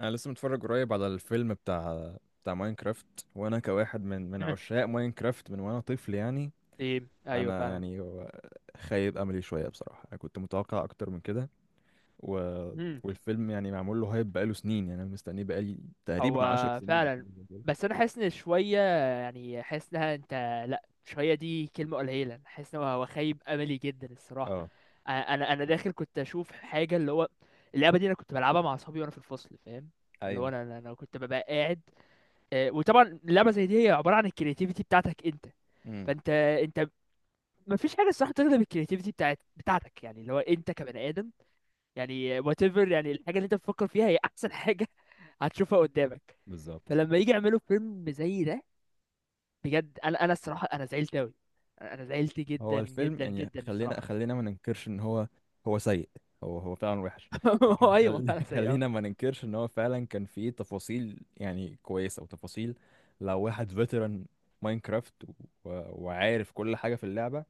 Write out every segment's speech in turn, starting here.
انا لسه متفرج قريب على الفيلم بتاع ماينكرافت، وانا كواحد من عشاق ماينكرافت من وانا طفل يعني. ايه، ايوه انا فعلا. يعني خايب املي شويه بصراحه. انا كنت متوقع اكتر من كده و... امم والفيلم يعني معمول له هايب بقاله سنين. يعني انا مستنيه بقالي تقريبا عشر هو سنين او فعلا. حاجه زي كده. بس انا حاسس ان شويه، يعني حاسس انها انت، لا شويه دي كلمه قليله. أنا حاسس ان هو خيب املي جدا الصراحه. اه، انا داخل كنت اشوف حاجه، اللي هو اللعبه دي انا كنت بلعبها مع اصحابي وانا في الفصل، فاهم؟ اللي هو ايوه. انا كنت ببقى قاعد. وطبعا اللعبه زي دي هي عباره عن الكرياتيفيتي بتاعتك انت. امم. فانت انت مفيش حاجه الصراحه تغلب الكرياتيفيتي بتاعتك، يعني اللي هو انت كبني ادم، يعني whatever، يعني الحاجة اللي انت بتفكر فيها هي احسن حاجة هتشوفها قدامك. بالظبط. فلما يجي يعملوا فيلم زي ده، بجد انا، الصراحة انا زعلت اوي. انا زعلت هو جدا الفيلم جدا يعني جدا خلينا الصراحة. خلينا ما ننكرش ان هو سيء، هو فعلا وحش. لكن ايوه ما فعلا سيء أوي. خلينا ما ننكرش ان هو فعلا كان فيه تفاصيل يعني كويسة وتفاصيل. لو واحد فيتران ماينكرافت وعارف كل حاجة في اللعبة،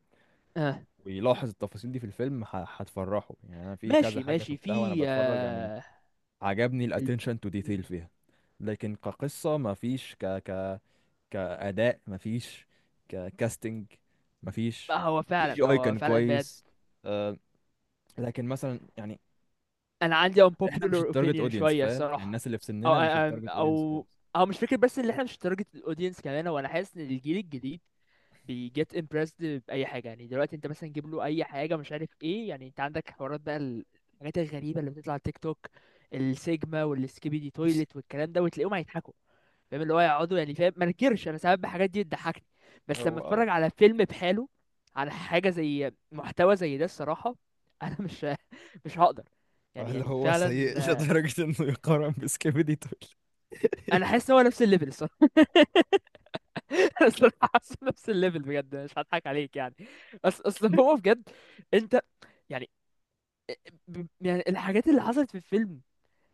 اه ويلاحظ التفاصيل دي في الفيلم، هتفرحه يعني. انا في كذا ماشي حاجة ماشي، شفتها وانا في بتفرج يعني. آه عجبني ال... الاتنشن تو ديتيل مم. فيها. لكن كقصة ما فيش، كأداء مفيش، ككاستنج لا، مفيش. هو سي فعلا جي اي هو كان فعلا بجد. كويس. آه، لكن مثلا يعني انا عندي احنا مش unpopular التارجت opinion اودينس، شوية فاهم؟ يعني الصراحة. الناس اللي في او سننا مش او التارجت اودينس او, خالص. أو مش فكرة بس ان احنا مش درجة الاودينس كمان، وانا حاسس ان الجيل الجديد بيجيت امبرسد باي حاجه. يعني دلوقتي انت مثلا جيب له اي حاجه مش عارف ايه، يعني انت عندك حوارات بقى، الحاجات الغريبه اللي بتطلع على تيك توك، السيجما والسكيبي دي تويلت والكلام ده، وتلاقيهم هيضحكوا. فاهم اللي هو يقعدوا، يعني فاهم ما نكرش انا ساعات الحاجات دي بتضحكني. بس لما هو اتفرج على فيلم بحاله، على حاجه زي محتوى زي ده الصراحه، انا مش هقدر. يعني هل يعني هو فعلا سيء لدرجة انه يقارن بسكيبيدي تول؟ انا حاسس هو نفس الليفل الصراحه. الصراحه حاسه نفس الليفل بجد، مش هضحك عليك يعني. اصل هو بجد انت يعني، يعني الحاجات اللي حصلت في الفيلم،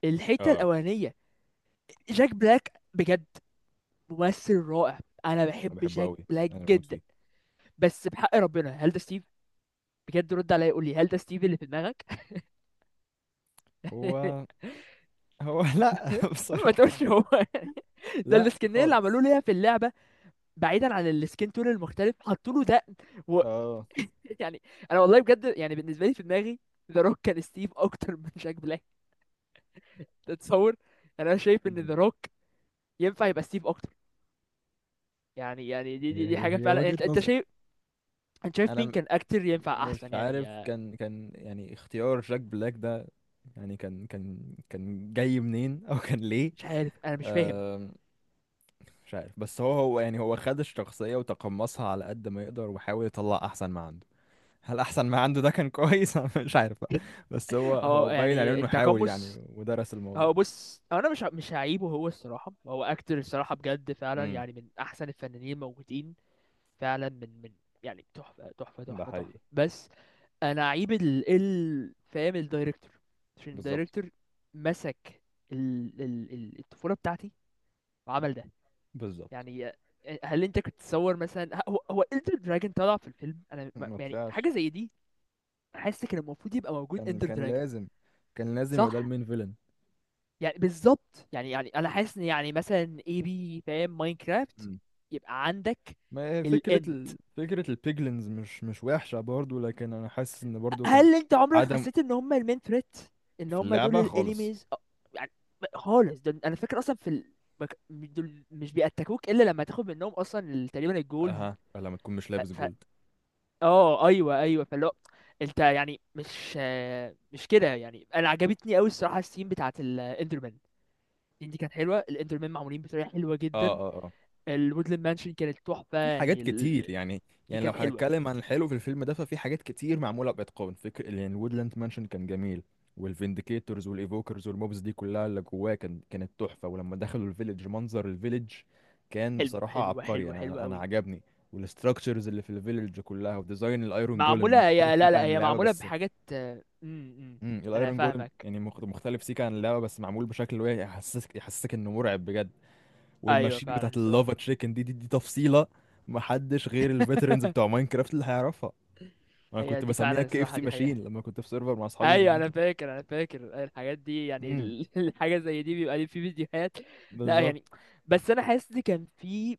الحته اه، الاولانيه. جاك بلاك بجد ممثل رائع، انا انا بحب بحبه جاك قوي، بلاك انا بموت جدا. فيه. بس بحق ربنا هل ده ستيف؟ بجد رد عليا قول لي هل ده ستيف اللي في دماغك؟ هو هو لا ما بصراحة. تقولش هو يعني. ده لا السكنيه اللي خالص. عملوه ليها في اللعبه، بعيدا عن السكين تون المختلف حطوا له دقن. اه. يعني انا والله بجد، يعني بالنسبه لي في دماغي ذا روك كان ستيف اكتر من جاك بلاك. تتصور؟ يعني انا شايف ان مم. ذا روك ينفع يبقى ستيف اكتر. يعني يعني دي هي دي, دي هي حاجه هي فعلا. يعني وجهة انت نظر. شايف، انت شايف مين انا كان اكتر ينفع مش احسن يعني عارف، كان كان يعني اختيار جاك بلاك ده يعني كان جاي منين، او كان ليه؟ مش عارف انا مش فاهم. أم، مش عارف. بس هو يعني هو خد الشخصية وتقمصها على قد ما يقدر، وحاول يطلع احسن ما عنده. هل احسن ما عنده ده كان كويس؟ أنا مش عارف بقى. بس هو هو هو باين عليه يعني انه حاول يعني، التقمص، ودرس الموضوع. هو بص هو انا مش هعيبه هو الصراحه، هو اكتر الصراحه بجد فعلا امم. يعني من احسن الفنانين الموجودين فعلا. من يعني تحفه تحفه ده تحفه حقيقي. تحفه بس انا عيب فاهم الدايركتور، عشان بالظبط. الدايركتور مسك الطفوله بتاعتي وعمل ده. بالظبط. يعني هل انت كنت تصور مثلا، هو اندر دراجون طلع في الفيلم؟ انا ما- ما يعني حاجه طلعش. زي دي. حاسس كان المفروض يبقى موجود كان اندر كان دراجون. لازم. كان لازم يبقى ده صح، المين فيلن. يعني بالظبط. يعني يعني انا حاسس ان يعني مثلا اي بي فاهم ماينكرافت، يبقى عندك ما هي فكرة الان. فكرة البيجلينز مش وحشة برضو، لكن أنا حاسس إن برضو كان... هل انت عمرك عدم. حسيت ان هم المين ثريت؟ ان في هم دول اللعبة خالص. الانيميز؟ يعني خالص، ده انا فاكر اصلا في دول مش بيأتاكوك الا لما تاخد منهم اصلا تقريبا الجول. اها، لما تكون مش ف... لابس ف... جولد. اه ايوه ايوه. فاللي هو انت يعني مش مش كده يعني. انا عجبتني قوي الصراحه السين بتاعت الاندرمان دي، كانت حلوه. الاندرمان معمولين بطريقه حلوه اه جدا. اه اه. الوودلاند مانشن كانت تحفه، في حاجات يعني كتير يعني. دي يعني لو كانت حلوه. هنتكلم عن الحلو في الفيلم ده ففي حاجات كتير معموله باتقان. فكر يعني الوودلاند مانشن كان جميل، والفينديكيتورز والايفوكرز والموبز دي كلها اللي جواه كان كانت تحفه. ولما دخلوا الفيليج، منظر الفيليج كان حلو بصراحه حلوه عبقري. حلوه حلوه انا قوي. عجبني. والاستراكشرز اللي في الفيليج كلها، وديزاين الايرون جولم معمولة، مختلف هي لا سيكا لا عن هي اللعبه، معمولة بس... بحاجات امم، امم، انا الايرون جولم فاهمك. يعني مختلف سيكا عن اللعبه، بس معمول بشكل اللي هو يحسسك انه مرعب بجد. ايوه والماشين فعلا بتاعت الصراحة. اللافا تشيكن دي تفصيله. محدش غير الفيترنز بتوع ماينكرافت اللي هيعرفها. انا هي كنت دي بسميها فعلا كي اف الصراحة، سي دي حقيقة. ماشين لما كنت في سيرفر مع اصحابي ايوه زمان. انا فاكر الحاجات دي. يعني امم. الحاجة زي دي بيبقى لي في فيديوهات. لا بالظبط. يعني بس انا حاسس ان كان في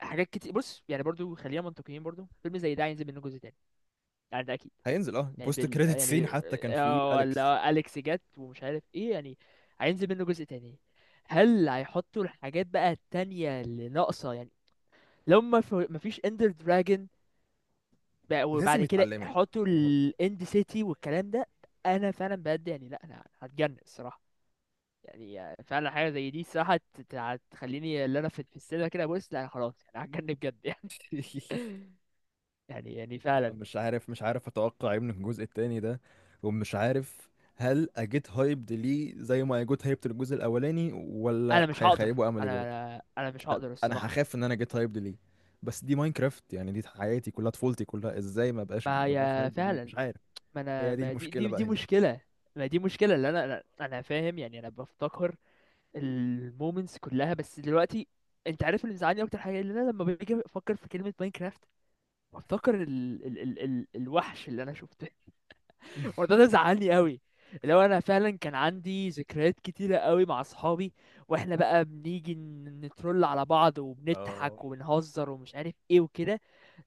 حاجات كتير. بص يعني برضو خلينا منطقيين، برضو فيلم زي ده هينزل منه جزء تاني، يعني ده اكيد. هينزل، اه، يعني بوست كريدت سين حتى كان فيه اه اليكس. ولا اليكس جت ومش عارف ايه يعني. هينزل منه جزء تاني، هل هيحطوا الحاجات بقى التانية اللي ناقصة؟ يعني لو ما فيش اندر دراجون، لازم وبعد كده يتعلموا. حطوا يعني هو... الاند سيتي والكلام ده. انا فعلا بجد يعني، لا انا هتجنن الصراحه. يعني فعلا حاجه زي دي الصراحه هتخليني اللي انا في في السينما كده بص لا خلاص، انا هتجنن بجد يعني. يعني يعني فعلا. مش عارف. اتوقع ايه من الجزء التاني ده، ومش عارف، هل اجيت هايبد ليه زي ما اجيت هايبد للجزء الاولاني، انا ولا مش هقدر، هيخيبوا املي انا برضه؟ انا أنا مش هقدر انا الصراحه يعني. هخاف ان انا جيت هايبد ليه. بس دي ماينكرافت يعني، دي حياتي كلها، طفولتي كلها. ازاي ما بقاش ما ما بقاش هي هايبد ليه؟ فعلا، مش عارف. ما انا، هي دي ما دي المشكله دي بقى دي هنا. مشكله. ما دي مشكله اللي انا فاهم. يعني انا بفتكر المومنتس كلها، بس دلوقتي انت عارف اللي مزعلني اكتر حاجه، اللي انا لما باجي افكر في كلمه ماينكرافت بفتكر الوحش اللي انا شفته. وده ده زعلني قوي. لو انا فعلا كان عندي ذكريات كتيره قوي مع اصحابي، واحنا بقى بنيجي نترول على بعض اه. وبنضحك وبنهزر ومش عارف ايه وكده.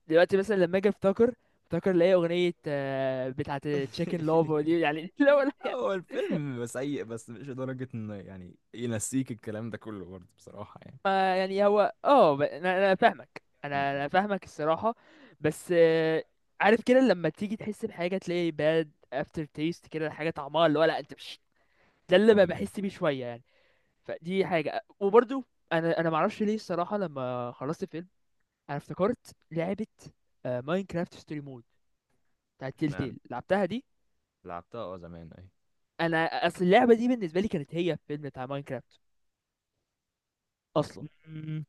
دلوقتي مثلا لما اجي افتكر، افتكر الاقي اغنيه بتاعه تشيكن لوف دي يعني. لو هو الفيلم سيء، بس مش لدرجة ان يعني ينسيك الكلام ده كله برضه بصراحة يعني. ما يعني هو اه، انا فاهمك، انا فاهمك الصراحه. بس عارف كده لما تيجي تحس بحاجه تلاقي باد افتر تيست كده، حاجه طعمها اللي هو لا انت مش. ده اللي امم. بحس بيه شويه يعني. فدي حاجه. وبرضو انا معرفش ليه الصراحه، لما خلصت الفيلم انا افتكرت لعبه ماينكرافت ستوري مود بتاعت تيل اشمعنى؟ تيل، لعبتها دي. لعبتها، اه، زمان اهي. انا اصل اللعبه دي بالنسبه لي كانت هي الفيلم بتاع ماينكرافت اصلا. مم.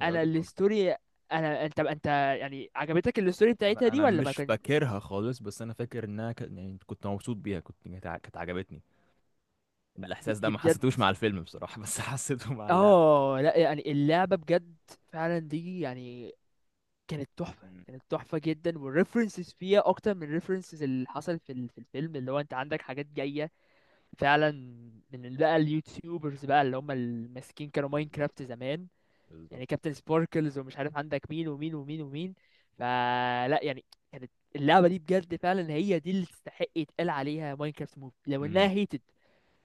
هي وجهة نظر. الستوري، انت يعني عجبتك الستوري بتاعتها انا دي انا ولا ما مش كان؟ فاكرها خالص، بس انا فاكر انها، يعني كنت مبسوط بيها، كنت، كانت عجبتني. دي, الاحساس ده دي ما بجد حسيتوش مع الفيلم بصراحة، بس حسيته مع اللعبة. اه. لا يعني اللعبة بجد فعلا دي يعني كانت تحفة، مم. كانت تحفة جدا. والريفرنسز فيها اكتر من الريفرنسز اللي حصلت في في الفيلم. اللي هو انت عندك حاجات جاية فعلا من بقى اليوتيوبرز بقى اللي هم الماسكين كانوا بالظبط. ماينكرافت زمان. بالظبط. يعني كابتن سباركلز ومش عارف عندك مين ومين ومين ومين. فلا يعني، كانت اللعبة دي بجد فعلا هي دي اللي تستحق يتقال عليها ماينكرافت موف، لو امم. انها هيتد.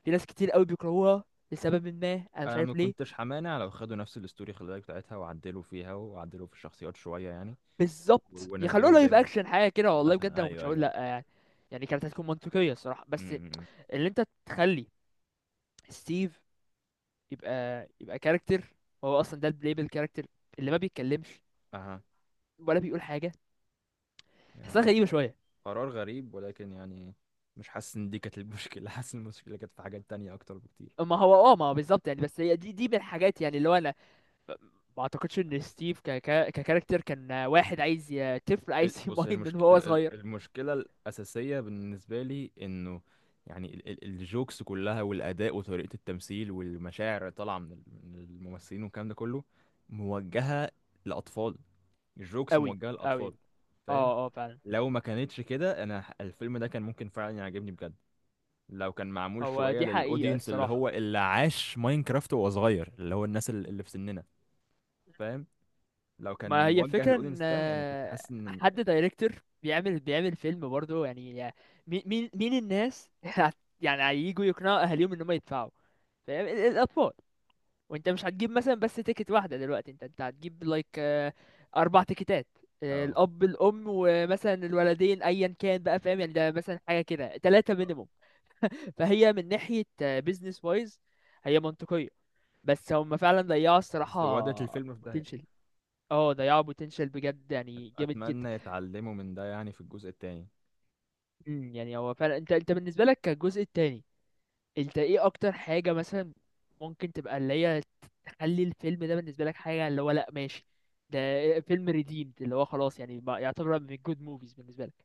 في ناس كتير قوي بيكرهوها لسبب ما انا مش انا ما عارف ليه. كنتش همانع لو خدوا نفس الاستوري، خلي بالك، بتاعتها، وعدلوا فيها وعدلوا في الشخصيات شويه يعني، و- بالظبط، يخلوها ونزلوها زي لايف ما هي. اكشن حاجة كده، والله بجد مثلا انا ما كنتش ايوه، هقول ايوه، أيوة. لا يعني. يعني كانت هتكون منطقية الصراحة. بس امم. اللي انت تخلي ستيف يبقى كاركتر، هو اصلا ده البلايبل كاركتر اللي ما بيتكلمش اها. ولا بيقول حاجة، تحسها يعني غريبة شوية. قرار غريب، ولكن يعني مش حاسس ان دي كانت المشكله. حاسس إن المشكله كانت في حاجات تانية اكتر بكتير. ما هو اه، ما هو بالظبط يعني، بس هي دي، دي من الحاجات. يعني اللي هو انا ما اعتقدش ان ستيف ك ك ككاركتر كان واحد عايز، طفل عايز بص، هي يماين من وهو صغير. المشكلة الأساسية بالنسبة لي إنه يعني الجوكس كلها، والأداء وطريقة التمثيل، والمشاعر اللي طالعة من الممثلين، والكلام ده كله موجهة لأطفال. الجوكس قوي موجهة قوي. لأطفال. فاهم؟ اه اه فعلا، لو ما كانتش كده أنا الفيلم ده كان ممكن فعلا يعجبني بجد. لو كان معمول هو شوية دي حقيقة للأودينس اللي هو الصراحة. اللي عاش ماينكرافت وهو صغير، اللي هو الناس اللي في سننا، فاهم؟ لو كان ما هي موجه فكرة ان للأودينس ده يعني كنت حاسس إن... حد دايركتور بيعمل فيلم برضه، يعني مين الناس؟ يعني هيجوا يقنعوا اهاليهم ان هم يدفعوا، فاهم؟ الاطفال. وانت مش هتجيب مثلا بس تيكت واحدة دلوقتي، انت هتجيب لايك اربع تيكتات. اه. الاب الام ومثلا الولدين ايا كان بقى، فاهم يعني؟ ده مثلا حاجة كده ثلاثة مينيموم. فهي من ناحية بيزنس وايز هي منطقية، بس هم فعلا ضيعوا بس ودت الصراحة الفيلم في ده. بوتنشال. اه ضيعوا بوتنشال بجد يعني جامد جدا. اتمنى يتعلموا من ده يعني في الجزء التاني. مم، يعني هو فعلا، انت بالنسبة لك كالجزء التاني، انت ايه اكتر حاجة مثلا ممكن تبقى اللي هي تخلي الفيلم ده بالنسبة لك حاجة اللي هو لأ ماشي، ده فيلم ريديمد اللي هو خلاص يعني بقى يعتبر من جود موفيز بالنسبة لك؟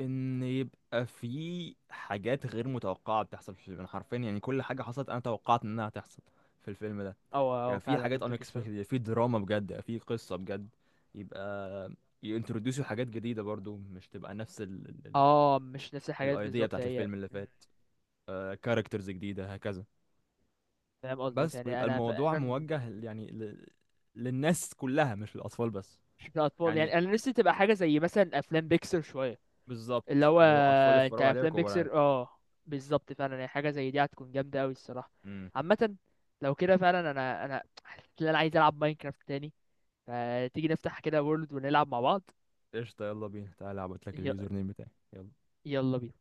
ان يبقى في حاجات غير متوقعه بتحصل في الفيلم. أنا حرفيا يعني كل حاجه حصلت انا توقعت انها هتحصل في الفيلم ده. اه اه يعني في فعلا، حاجات منطقي unexpected، الصراحة. يعني في دراما بجد، يعني في قصه بجد. يبقى ينتروديوسوا حاجات جديده برضو، مش تبقى نفس اه مش نفس الحاجات الايديا بالظبط، بتاعت هي الفيلم اللي مم، فات. كاركترز جديده هكذا. فاهم قصدك بس، يعني ويبقى انا الموضوع فعلا. موجه، يعني، للناس كلها مش للاطفال بس. مش من الاطفال، يعني يعني انا نفسي تبقى حاجة زي مثلا افلام بيكسر شوية. اللي بالظبط، هو اللي هو اطفال انت يتفرجوا عليها افلام وكبار عادي. بيكسر اه، بالظبط فعلا. يعني حاجة زي دي هتكون جامدة اوي الصراحة امم. عامة. لو كده فعلا انا، حاسس ان انا عايز العب ماينكرافت تاني. فتيجي نفتح كده وورلد ونلعب مع بعض. قشطة، يلا بينا، تعالى ابعت لك ي- اليوزر نيم بتاعي، يلا. يلا بينا.